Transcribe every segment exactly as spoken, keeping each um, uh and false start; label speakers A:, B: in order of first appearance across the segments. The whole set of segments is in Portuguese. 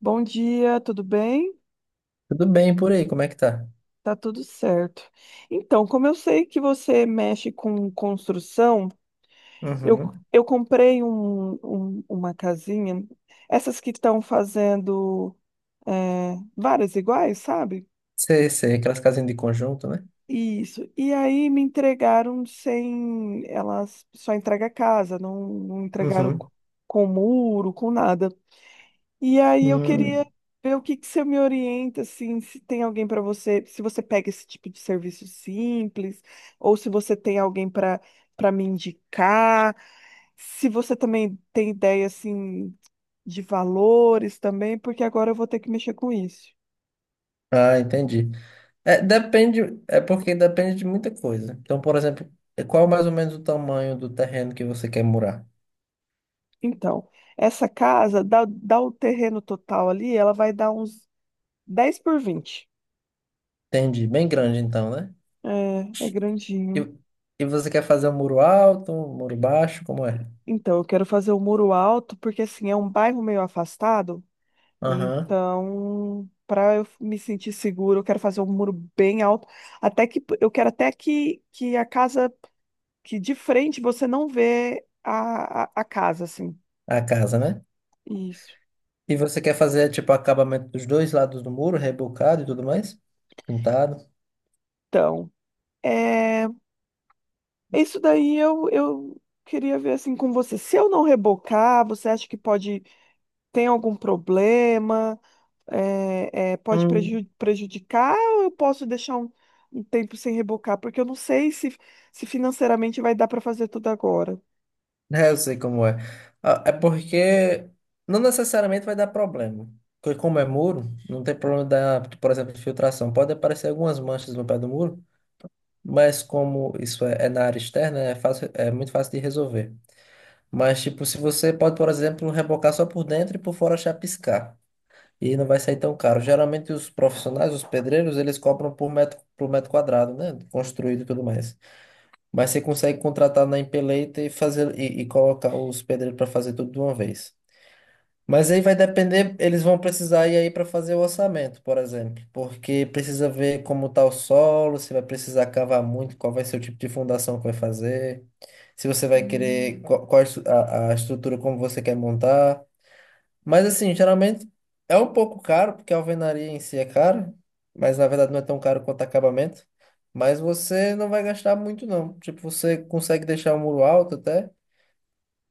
A: Bom dia, tudo bem?
B: Tudo bem por aí, como é que tá?
A: Tá tudo certo. Então, como eu sei que você mexe com construção, eu,
B: Uhum.
A: eu comprei um- um- uma casinha, essas que estão fazendo é, várias iguais, sabe?
B: Sei, sei, aquelas casinhas de conjunto, né?
A: Isso. E aí me entregaram sem. Elas só entregam a casa, não, não entregaram
B: Uhum.
A: co- com muro, com nada. E aí eu queria
B: Hum.
A: ver o que que você me orienta, assim, se tem alguém para você, se você pega esse tipo de serviço simples, ou se você tem alguém para para me indicar, se você também tem ideia, assim, de valores também, porque agora eu vou ter que mexer com isso.
B: Ah, entendi. É, depende, é porque depende de muita coisa. Então, por exemplo, é, qual é mais ou menos o tamanho do terreno que você quer murar?
A: Então, essa casa, dá, dá o terreno total ali, ela vai dar uns dez por vinte.
B: Entendi, bem grande então, né?
A: É, é
B: E,
A: grandinho.
B: e você quer fazer um muro alto, um muro baixo, como é?
A: Então, eu quero fazer o muro alto, porque assim, é um bairro meio afastado.
B: Aham.
A: Então, para eu me sentir seguro, eu quero fazer um muro bem alto, até que eu quero até que, que a casa, que de frente você não vê a, a, a casa, assim.
B: A casa, né?
A: Isso.
B: E você quer fazer, tipo, acabamento dos dois lados do muro, rebocado e tudo mais? Pintado?
A: Então, é, isso daí eu, eu queria ver assim com você. Se eu não rebocar, você acha que pode tem algum problema? É, é, pode preju-
B: Hum.
A: prejudicar ou eu posso deixar um, um tempo sem rebocar? Porque eu não sei se, se financeiramente vai dar para fazer tudo agora.
B: É, eu sei como é. Ah, é porque não necessariamente vai dar problema. Porque como é muro, não tem problema da, por exemplo, de filtração. Pode aparecer algumas manchas no pé do muro, mas como isso é, é na área externa, é fácil, é muito fácil de resolver. Mas, tipo, se você pode, por exemplo, rebocar só por dentro e por fora chapiscar. E não vai sair tão caro. Geralmente os profissionais, os pedreiros, eles cobram por metro, por metro quadrado, né? Construído e tudo mais. Mas você consegue contratar na empeleita e fazer e, e colocar os pedreiros para fazer tudo de uma vez. Mas aí vai depender, eles vão precisar ir aí para fazer o orçamento, por exemplo, porque precisa ver como tá o solo, se vai precisar cavar muito, qual vai ser o tipo de fundação que vai fazer, se você vai querer
A: Hum.
B: qual, qual a, estru- a a estrutura como você quer montar. Mas assim, geralmente é um pouco caro, porque a alvenaria em si é cara, mas na verdade não é tão caro quanto acabamento. Mas você não vai gastar muito, não. Tipo, você consegue deixar o muro alto até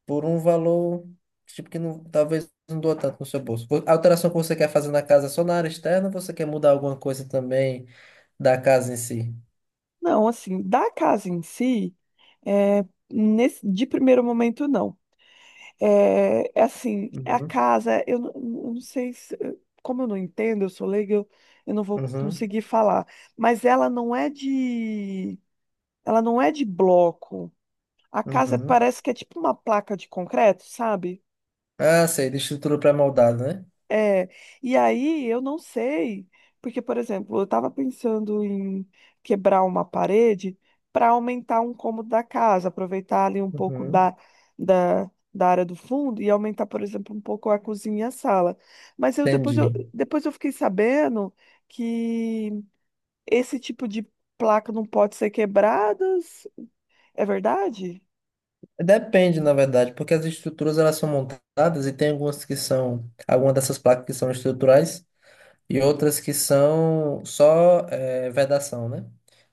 B: por um valor tipo que não, talvez não doa tanto no seu bolso. Vo- A alteração que você quer fazer na casa é só na área externa, ou você quer mudar alguma coisa também da casa em si?
A: Não, assim, da casa em si, é, nesse, de primeiro momento, não. É, é assim, a
B: Uhum,
A: casa, eu, não eu não sei se, como eu não entendo, eu sou leiga, eu, eu não vou
B: uhum,
A: conseguir falar. Mas ela não é de, ela não é de bloco. A casa
B: uhum.
A: parece que é tipo uma placa de concreto, sabe?
B: Ah, sei, de estrutura pré-moldada, né?
A: É, e aí eu não sei, porque, por exemplo, eu estava pensando em quebrar uma parede para aumentar um cômodo da casa, aproveitar ali um pouco
B: Uhum,
A: da, da, da área do fundo e aumentar, por exemplo, um pouco a cozinha e a sala. Mas eu depois eu,
B: entendi.
A: depois eu fiquei sabendo que esse tipo de placa não pode ser quebrada. É verdade?
B: Depende, na verdade, porque as estruturas elas são montadas e tem algumas que são, algumas dessas placas que são estruturais e outras que são só eh, vedação, né?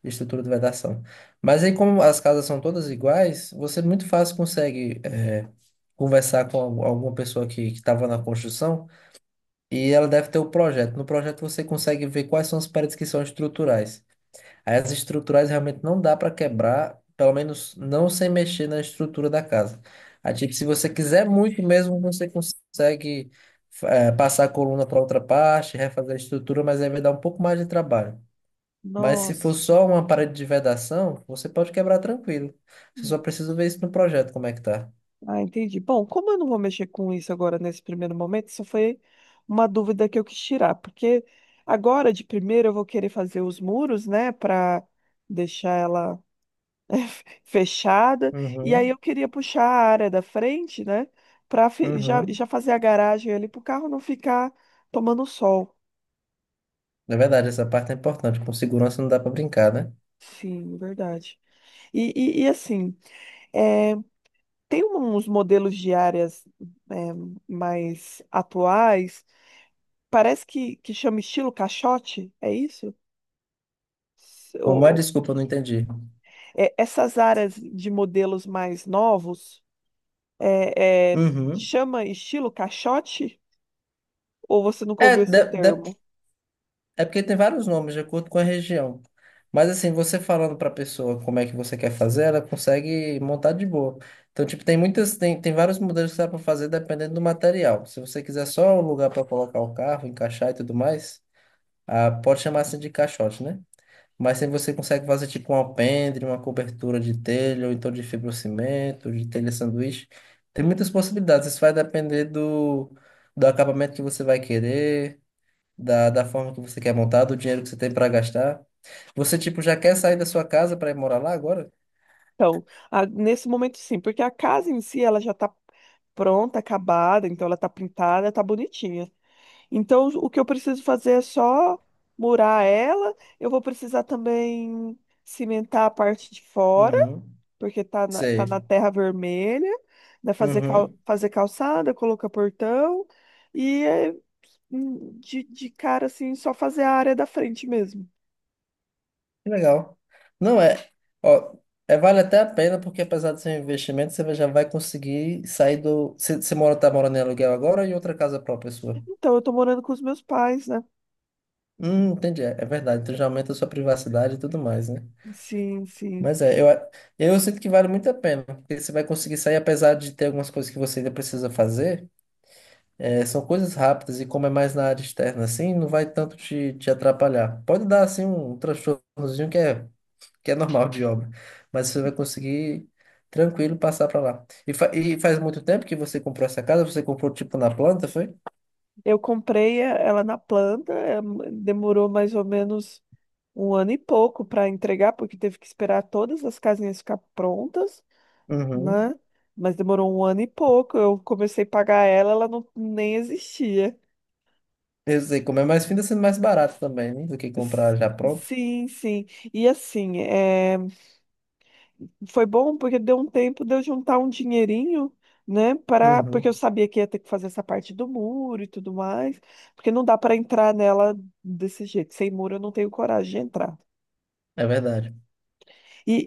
B: Estrutura de vedação. Mas aí, como as casas são todas iguais, você muito fácil consegue eh, conversar com al- alguma pessoa que estava na construção e ela deve ter o projeto. No projeto você consegue ver quais são as paredes que são estruturais. Aí as estruturais realmente não dá para quebrar, pelo menos não sem mexer na estrutura da casa. Aí, tipo, se você quiser muito mesmo, você consegue eh, passar a coluna para outra parte, refazer a estrutura, mas aí vai dar um pouco mais de trabalho. Mas se for
A: Nossa.
B: só uma parede de vedação, você pode quebrar tranquilo. Você só precisa ver isso no projeto, como é que tá.
A: Ah, entendi. Bom, como eu não vou mexer com isso agora nesse primeiro momento, isso foi uma dúvida que eu quis tirar, porque agora de primeiro eu vou querer fazer os muros, né, para deixar ela fechada, e aí
B: Uhum,
A: eu queria puxar a área da frente, né, para já,
B: uhum.
A: já fazer a garagem ali para o carro não ficar tomando sol.
B: É verdade, essa parte é importante. Com segurança não dá pra brincar, né?
A: Sim, verdade. E, e, e assim, é, tem uns modelos de áreas é, mais atuais. Parece que, que chama estilo caixote, é isso? S- o-
B: Como é?
A: o-
B: Desculpa, eu não entendi.
A: é, essas áreas de modelos mais novos, é, é,
B: Uhum.
A: chama estilo caixote? Ou você nunca
B: É,
A: ouviu esse
B: de-
A: termo?
B: depende. É porque tem vários nomes de acordo com a região. Mas assim, você falando para a pessoa como é que você quer fazer, ela consegue montar de boa. Então, tipo, tem muitas, tem, tem vários modelos que dá para fazer dependendo do material. Se você quiser só um lugar para colocar o carro, encaixar e tudo mais, ah, pode chamar assim de caixote, né? Mas se você consegue fazer tipo um alpendre, uma cobertura de telha, ou então de fibrocimento, de telha sanduíche, tem muitas possibilidades. Isso vai depender do, do acabamento que você vai querer da, da forma que você quer montar, do dinheiro que você tem para gastar. Você, tipo, já quer sair da sua casa para ir morar lá agora?
A: Então, a- nesse momento sim, porque a casa em si ela já está pronta, acabada, então ela está pintada, está bonitinha. Então, o que eu preciso fazer é só murar ela. Eu vou precisar também cimentar a parte de fora,
B: Uhum.
A: porque tá na, tá na
B: Sei.
A: terra vermelha, né? Fazer, cal,
B: Uhum.
A: fazer calçada, colocar portão e é, hum, de, de cara assim, só fazer a área da frente mesmo.
B: Que legal. Não é. Ó, é, vale até a pena, porque apesar do seu investimento, você já vai conseguir sair do. Você, você mora, tá morando em aluguel agora ou em outra casa própria sua?
A: Então, eu tô morando com os meus pais, né?
B: Hum, entendi. É, é verdade. Então já aumenta a sua privacidade e tudo mais, né?
A: Sim, sim.
B: Mas é, eu, a- eu sinto que vale muito a pena, porque você vai conseguir sair, apesar de ter algumas coisas que você ainda precisa fazer. É, são coisas rápidas e como é mais na área externa, assim, não vai tanto te, te atrapalhar. Pode dar, assim, um transtornozinho que é, que é normal de obra, mas você vai conseguir tranquilo passar para lá. E, fa- e faz muito tempo que você comprou essa casa? Você comprou, tipo, na planta, foi?
A: Eu comprei a- ela na planta, é, demorou mais ou menos um ano e pouco para entregar, porque teve que esperar todas as casinhas ficar prontas,
B: Uhum.
A: né? Mas demorou um ano e pouco. Eu comecei a pagar ela, ela não, nem existia.
B: Eu sei, como é mais fino, tá sendo mais barato também, né? Do que comprar
A: S-
B: já pronto.
A: Sim, sim. E assim, é, foi bom porque deu um tempo de eu juntar um dinheirinho, né? Para, porque
B: Uhum.
A: eu sabia que ia ter que fazer essa parte do muro e tudo mais, porque não dá para entrar nela desse jeito. Sem muro eu não tenho coragem de entrar.
B: É verdade.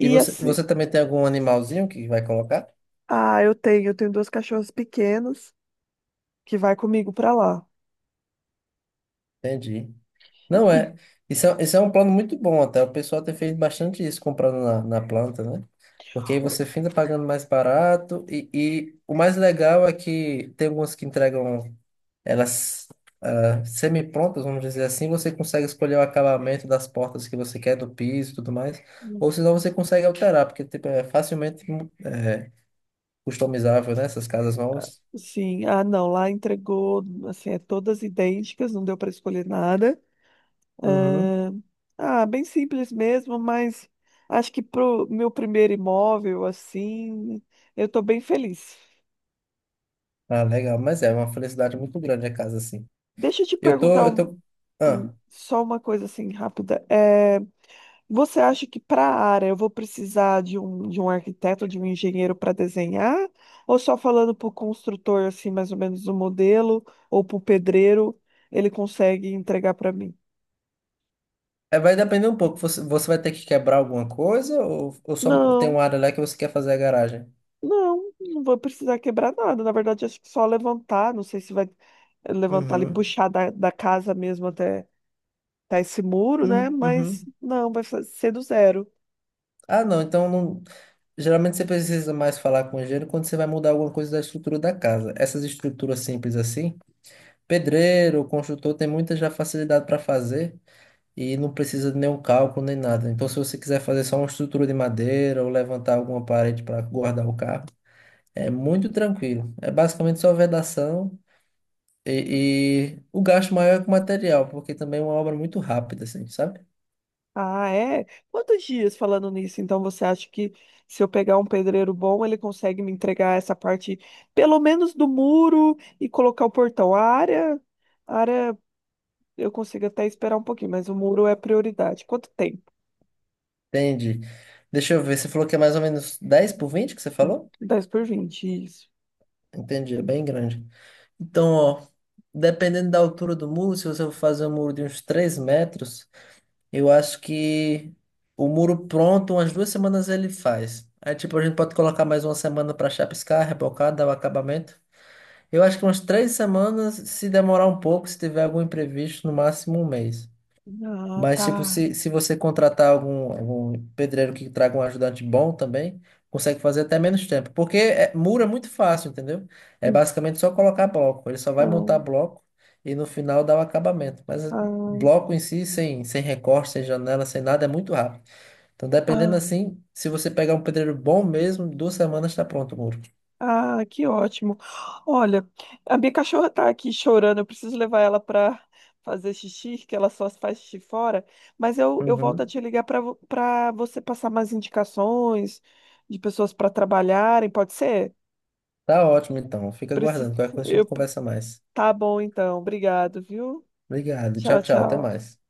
B: E
A: e
B: você,
A: assim,
B: você também tem algum animalzinho que vai colocar?
A: ah, eu tenho, eu tenho duas cachorras pequenas que vai comigo para lá.
B: Entendi. Não
A: E
B: é. Isso é, isso é um plano muito bom até. O pessoal tem feito bastante isso comprando na, na planta, né? Porque aí você finda pagando mais barato. E, e o mais legal é que tem algumas que entregam elas ah, semi-prontas, vamos dizer assim. Você consegue escolher o acabamento das portas que você quer, do piso e tudo mais. Ou senão você consegue alterar, porque tipo, é facilmente customizável, né? Essas casas novas.
A: sim, ah, não, lá entregou, assim, é todas idênticas, não deu para escolher nada.
B: Uhum.
A: Ah, ah, bem simples mesmo, mas acho que pro meu primeiro imóvel, assim, eu tô bem feliz.
B: Ah, legal. Mas é uma felicidade muito grande a casa assim.
A: Deixa eu te
B: Eu tô,
A: perguntar
B: eu
A: um-
B: tô.
A: um-
B: Ah.
A: só uma coisa assim rápida. É, você acha que para a área eu vou precisar de um, de um arquiteto, de um engenheiro para desenhar? Ou só falando para o construtor, assim, mais ou menos o modelo, ou para o pedreiro, ele consegue entregar para mim?
B: É, vai depender um pouco. Você, você vai ter que quebrar alguma coisa ou, ou só tem
A: Não.
B: uma área lá que você quer fazer a garagem?
A: Não, não vou precisar quebrar nada. Na verdade, acho que só levantar. Não sei se vai eh, levantar e
B: Uhum.
A: puxar da, da casa mesmo até, até esse muro, né?
B: Hum,
A: Mas
B: uhum.
A: não, vai fa- ser do zero.
B: Ah, não. Então, não- geralmente você precisa mais falar com o engenheiro quando você vai mudar alguma coisa da estrutura da casa. Essas estruturas simples assim, pedreiro, construtor, tem muita já facilidade para fazer e não precisa de nenhum cálculo nem nada. Então, se você quiser fazer só uma estrutura de madeira ou levantar alguma parede para guardar o carro, é muito tranquilo. É basicamente só vedação. E, e o gasto maior é com material, porque também é uma obra muito rápida, assim, sabe?
A: Ah, é? Quantos dias falando nisso? Então, você acha que se eu pegar um pedreiro bom, ele consegue me entregar essa parte, pelo menos do muro, e colocar o portão? A área, a área eu consigo até esperar um pouquinho, mas o muro é prioridade. Quanto tempo?
B: Entendi. Deixa eu ver, você falou que é mais ou menos dez por vinte, que você falou?
A: Dez por vinte isso.
B: Entendi, é bem grande. Então, ó, dependendo da altura do muro, se você for fazer um muro de uns três metros, eu acho que o muro pronto, umas duas semanas ele faz. Aí, tipo, a gente pode colocar mais uma semana para chapiscar, rebocar, dar o acabamento. Eu acho que umas três semanas, se demorar um pouco, se tiver algum imprevisto, no máximo um mês.
A: Ah,
B: Mas,
A: tá.
B: tipo, se, se você contratar algum, algum pedreiro que traga um ajudante bom também, consegue fazer até menos tempo. Porque é, muro é muito fácil, entendeu? É basicamente só colocar bloco. Ele só vai montar
A: Então.
B: bloco e no final dá o acabamento. Mas é,
A: Ah,
B: bloco em si, sem, sem recorte, sem janela, sem nada, é muito rápido. Então, dependendo
A: ah,
B: assim, se você pegar um pedreiro bom mesmo, duas semanas está pronto o muro.
A: ah, que ótimo. Olha, a minha cachorra tá aqui chorando, eu preciso levar ela para fazer xixi, que ela só faz xixi fora, mas eu, eu volto a
B: Uhum.
A: te ligar para para você passar mais indicações de pessoas para trabalharem, pode ser?
B: Tá ótimo, então. Fica
A: Preciso,
B: aguardando. Qualquer coisa a
A: eu,
B: gente conversa mais.
A: tá bom então, obrigado, viu?
B: Obrigado.
A: Tchau,
B: Tchau, tchau. Até
A: tchau.
B: mais.